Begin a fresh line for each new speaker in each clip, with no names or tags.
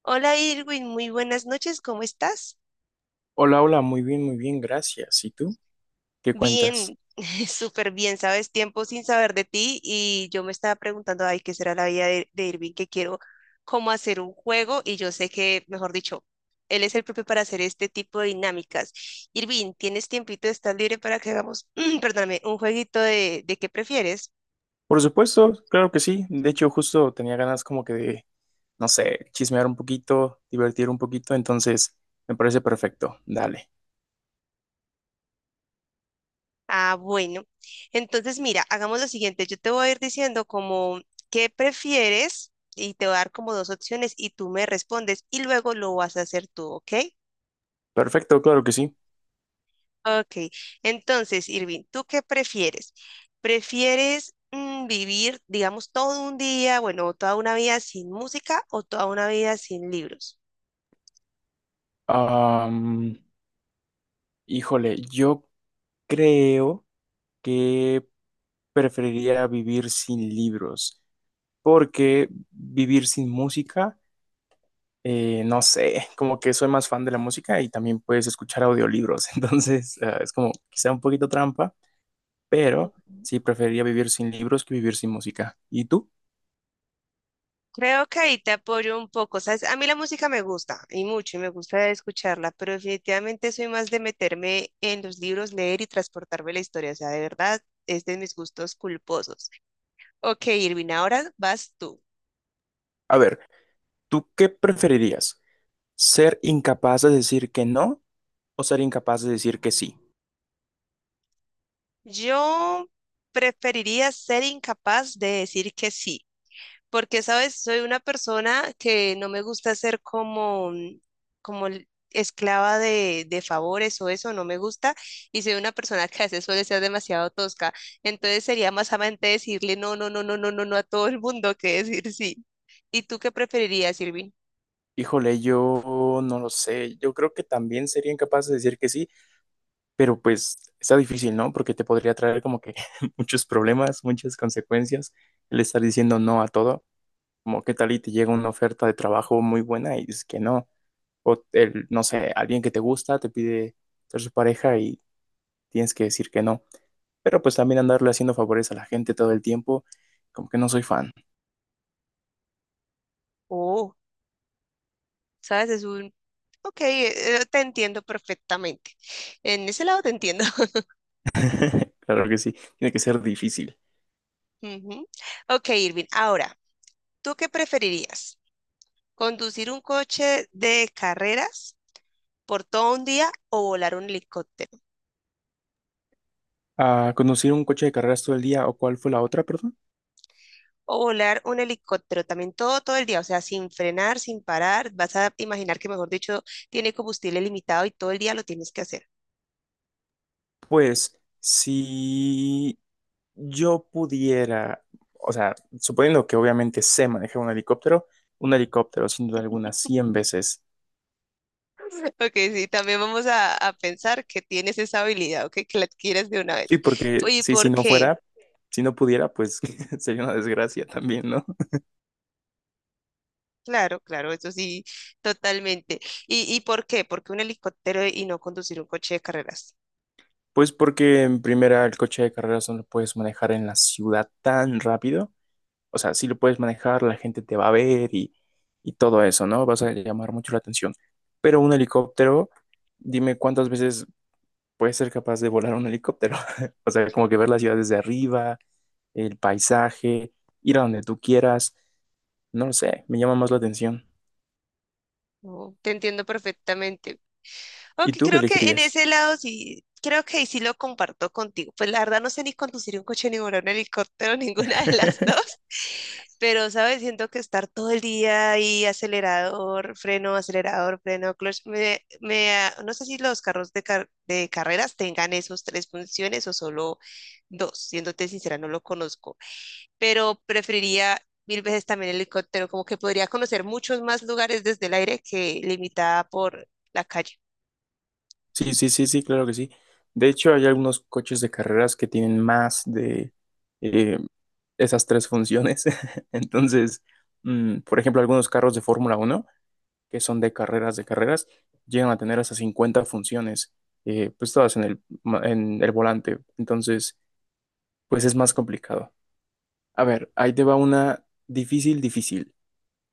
Hola Irwin, muy buenas noches, ¿cómo estás?
Hola, hola, muy bien, gracias. ¿Y tú? ¿Qué cuentas?
Bien, súper bien, sabes, tiempo sin saber de ti y yo me estaba preguntando, ay, ¿qué será la vida de Irwin? Que quiero cómo hacer un juego y yo sé que, mejor dicho, él es el propio para hacer este tipo de dinámicas. Irwin, ¿tienes tiempito? ¿Estás libre para que hagamos, perdóname, un jueguito de qué prefieres?
Por supuesto, claro que sí. De hecho, justo tenía ganas como que de, no sé, chismear un poquito, divertir un poquito, entonces me parece perfecto. Dale.
Ah, bueno. Entonces, mira, hagamos lo siguiente. Yo te voy a ir diciendo como qué prefieres y te voy a dar como dos opciones y tú me respondes y luego lo vas a hacer tú, ¿ok?
Perfecto, claro que sí.
Ok, entonces, Irving, ¿tú qué prefieres? ¿Prefieres vivir, digamos, todo un día, bueno, toda una vida sin música o toda una vida sin libros?
Am, Híjole, yo creo que preferiría vivir sin libros, porque vivir sin música no sé, como que soy más fan de la música y también puedes escuchar audiolibros, entonces ah, es como quizá un poquito trampa, pero
Ujú.
sí preferiría vivir sin libros que vivir sin música. ¿Y tú?
Creo que ahí te apoyo un poco, ¿sabes? A mí la música me gusta y mucho y me gusta escucharla, pero definitivamente soy más de meterme en los libros, leer y transportarme la historia, o sea, de verdad es de mis gustos culposos. Ok, Irving, ahora vas tú.
A ver, ¿tú qué preferirías? ¿Ser incapaz de decir que no o ser incapaz de decir que sí?
Yo preferiría ser incapaz de decir que sí, porque, ¿sabes? Soy una persona que no me gusta ser como, como esclava de favores o eso, no me gusta, y soy una persona que a veces suele ser demasiado tosca, entonces sería más amante decirle no, no, no, no, no, no, no a todo el mundo que decir sí. ¿Y tú qué preferirías, Irving?
Híjole, yo no lo sé, yo creo que también sería incapaz de decir que sí, pero pues está difícil, ¿no? Porque te podría traer como que muchos problemas, muchas consecuencias el estar diciendo no a todo. Como qué tal y te llega una oferta de trabajo muy buena y dices que no. O el, no sé, alguien que te gusta te pide ser su pareja y tienes que decir que no. Pero pues también andarle haciendo favores a la gente todo el tiempo, como que no soy fan.
Oh, ¿sabes? Es un... Ok, te entiendo perfectamente. En ese lado te entiendo.
Claro que sí, tiene que ser difícil.
Ujú. Ok, Irving, ahora, ¿tú qué preferirías? ¿Conducir un coche de carreras por todo un día o volar un helicóptero?
¿A conducir un coche de carreras todo el día o cuál fue la otra, perdón?
O volar un helicóptero también todo el día, o sea, sin frenar, sin parar. Vas a imaginar que, mejor dicho, tiene combustible limitado y todo el día lo tienes que hacer.
Pues si yo pudiera, o sea, suponiendo que obviamente sé manejar un helicóptero sin duda alguna 100 veces.
Ok, sí, también vamos a pensar que tienes esa habilidad, ok, que la adquieres de una
Sí,
vez.
porque
¿Y
sí, si
por
no
qué?
fuera, si no pudiera, pues sería una desgracia también, ¿no?
Claro, claro, eso sí, totalmente. ¿Y por qué? ¿Por qué un helicóptero y no conducir un coche de carreras?
Pues porque en primera el coche de carreras no lo puedes manejar en la ciudad tan rápido. O sea, sí lo puedes manejar, la gente te va a ver y todo eso, ¿no? Vas a llamar mucho la atención. Pero un helicóptero, dime cuántas veces puedes ser capaz de volar un helicóptero. O sea, como que ver la ciudad desde arriba, el paisaje, ir a donde tú quieras. No lo sé, me llama más la atención.
No, te entiendo perfectamente.
¿Y
Ok,
tú qué
creo que en
elegirías?
ese lado sí, creo que ahí sí lo comparto contigo. Pues la verdad no sé ni conducir un coche, ni volar un helicóptero, ninguna de las dos. Pero, ¿sabes? Siento que estar todo el día ahí, acelerador, freno, clutch, no sé si los carros de carreras tengan esos tres funciones o solo dos. Siéndote sincera, no lo conozco. Pero preferiría mil veces también el helicóptero, como que podría conocer muchos más lugares desde el aire que limitada por la calle.
Sí, sí, sí, sí, claro que sí. De hecho, hay algunos coches de carreras que tienen más de eh, esas tres funciones. Entonces, por ejemplo, algunos carros de Fórmula 1 que son de carreras, llegan a tener hasta 50 funciones, pues todas en el volante. Entonces, pues es más complicado. A ver, ahí te va una difícil, difícil.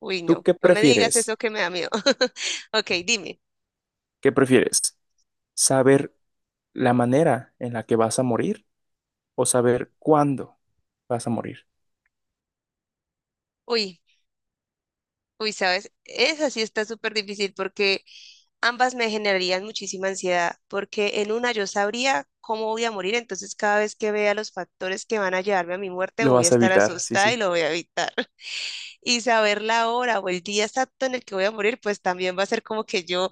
Uy,
¿Tú
no,
qué
no me digas
prefieres?
eso que me da miedo. Ok, dime.
¿Qué prefieres? ¿Saber la manera en la que vas a morir o saber cuándo vas a morir?
Uy, uy, ¿sabes? Esa sí está súper difícil porque ambas me generarían muchísima ansiedad, porque en una yo sabría cómo voy a morir, entonces cada vez que vea los factores que van a llevarme a mi muerte
Lo
voy a
vas a
estar
evitar, sí,
asustada y
sí.
lo voy a evitar. Y saber la hora o el día exacto en el que voy a morir, pues también va a ser como que yo,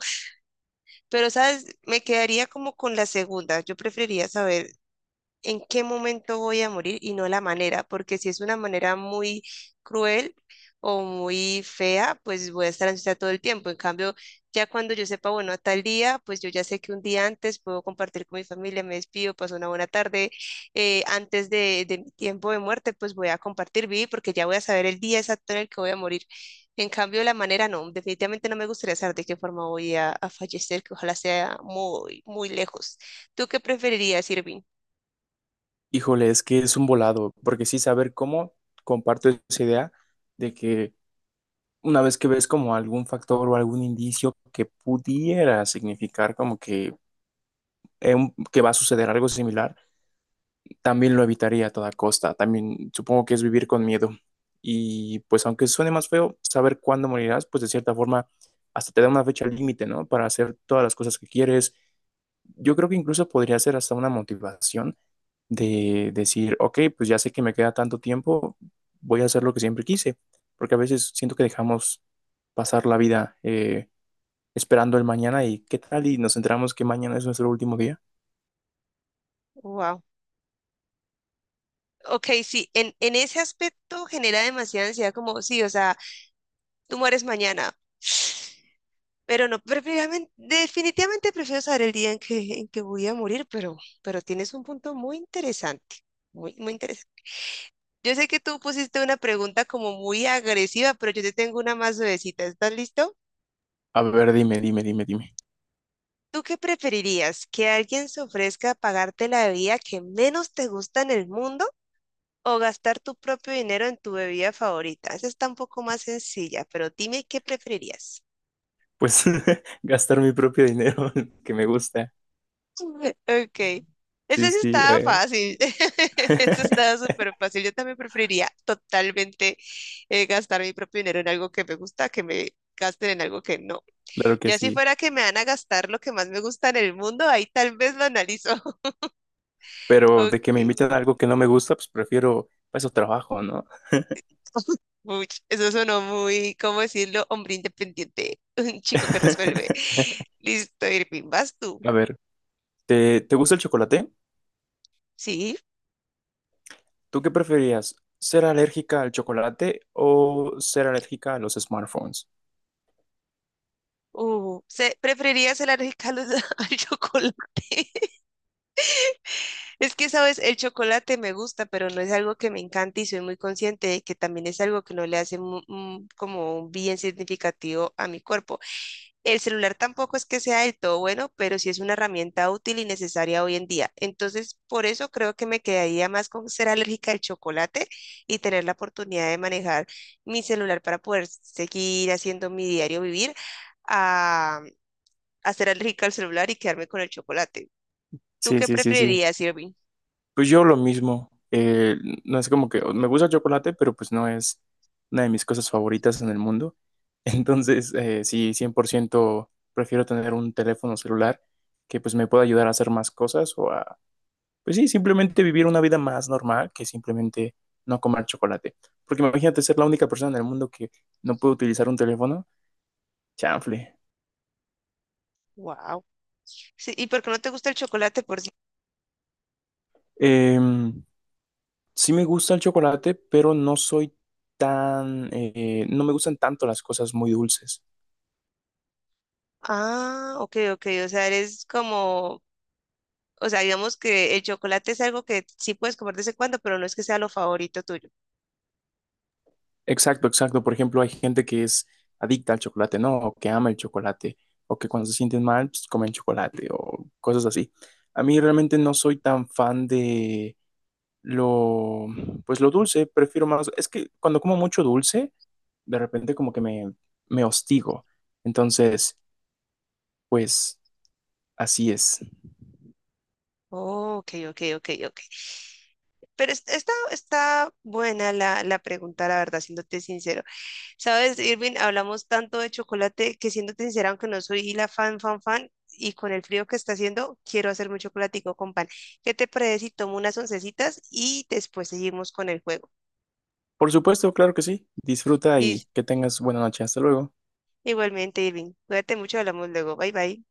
pero, ¿sabes? Me quedaría como con la segunda. Yo preferiría saber en qué momento voy a morir y no la manera, porque si es una manera muy cruel o muy fea, pues voy a estar ansiosa todo el tiempo. En cambio, ya cuando yo sepa, bueno, a tal día, pues yo ya sé que un día antes puedo compartir con mi familia, me despido, paso una buena tarde antes de mi tiempo de muerte, pues voy a compartir, vivir, porque ya voy a saber el día exacto en el que voy a morir. En cambio, la manera no, definitivamente no me gustaría saber de qué forma voy a fallecer, que ojalá sea muy, muy lejos. ¿Tú qué preferirías, Irving?
Híjole, es que es un volado, porque sí saber cómo, comparto esa idea de que una vez que ves como algún factor o algún indicio que pudiera significar como que, que va a suceder algo similar, también lo evitaría a toda costa. También supongo que es vivir con miedo. Y pues aunque suene más feo, saber cuándo morirás, pues de cierta forma hasta te da una fecha límite, ¿no? Para hacer todas las cosas que quieres. Yo creo que incluso podría ser hasta una motivación de decir, ok, pues ya sé que me queda tanto tiempo, voy a hacer lo que siempre quise, porque a veces siento que dejamos pasar la vida esperando el mañana y qué tal y nos enteramos que mañana es nuestro último día.
Wow. Ok, sí, en ese aspecto genera demasiada ansiedad, como, sí, o sea, tú mueres mañana, pero no, definitivamente, definitivamente prefiero saber el día en que voy a morir, pero tienes un punto muy interesante, muy, muy interesante. Yo sé que tú pusiste una pregunta como muy agresiva, pero yo te tengo una más suavecita, ¿estás listo?
A ver, dime, dime, dime, dime.
¿Tú qué preferirías? ¿Que alguien se ofrezca a pagarte la bebida que menos te gusta en el mundo o gastar tu propio dinero en tu bebida favorita? Esa está un poco más sencilla, pero dime qué preferirías.
Pues gastar mi propio dinero que me gusta.
Ok. Esa
Sí,
sí
sí,
estaba fácil. Esa estaba súper fácil. Yo también preferiría totalmente gastar mi propio dinero en algo que me gusta, que me gasten en algo que no.
claro que
Ya si
sí.
fuera que me van a gastar lo que más me gusta en el mundo, ahí tal vez lo analizo.
Pero de que me
Ok.
inviten a algo que no me gusta, pues prefiero, para eso trabajo, ¿no?
Uy, eso sonó muy, ¿cómo decirlo? Hombre independiente. Un chico que resuelve. Listo, Irving, vas tú.
A ver. ¿Te gusta el chocolate?
Sí,
¿Tú qué preferirías? ¿Ser alérgica al chocolate o ser alérgica a los smartphones?
o se, preferirías el arroz al al chocolate. Es que, sabes, el chocolate me gusta, pero no es algo que me encante y soy muy consciente de que también es algo que no le hace como un bien significativo a mi cuerpo. El celular tampoco es que sea del todo bueno, pero sí es una herramienta útil y necesaria hoy en día. Entonces, por eso creo que me quedaría más con ser alérgica al chocolate y tener la oportunidad de manejar mi celular para poder seguir haciendo mi diario vivir ah, a ser alérgica al celular y quedarme con el chocolate. ¿Tú
Sí,
qué
sí, sí, sí.
preferirías, Irving?
Pues yo lo mismo. No es como que me gusta el chocolate, pero pues no es una de mis cosas favoritas en el mundo. Entonces, sí, 100% prefiero tener un teléfono celular que pues me pueda ayudar a hacer más cosas pues sí, simplemente vivir una vida más normal que simplemente no comer chocolate. Porque imagínate ser la única persona en el mundo que no puede utilizar un teléfono. Chanfle.
Wow. Sí, ¿y por qué no te gusta el chocolate por sí?
Eh, sí me gusta el chocolate, pero no soy tan, no me gustan tanto las cosas muy dulces.
Ah, ok, ok. O sea, eres como, o sea, digamos que el chocolate es algo que sí puedes comer de vez en cuando, pero no es que sea lo favorito tuyo.
Exacto, exacto. Por ejemplo, hay gente que es adicta al chocolate, ¿no? O que ama el chocolate, o que cuando se sienten mal, pues comen chocolate, o cosas así. A mí realmente no soy tan fan de, lo, pues lo dulce, prefiero más, es que cuando como mucho dulce, de repente como que me hostigo. Entonces, pues así es.
Oh, ok, ok, ok, ok. Pero está, está buena la pregunta, la verdad, siéndote sincero. Sabes, Irving, hablamos tanto de chocolate que siéndote sincera, aunque no soy la fan, fan, fan, y con el frío que está haciendo, quiero hacerme un chocolatico con pan. ¿Qué te parece si tomo unas oncecitas y después seguimos con el juego?
Por supuesto, claro que sí. Disfruta
Y
y que tengas buena noche. Hasta luego.
igualmente, Irving, cuídate mucho, hablamos luego. Bye, bye.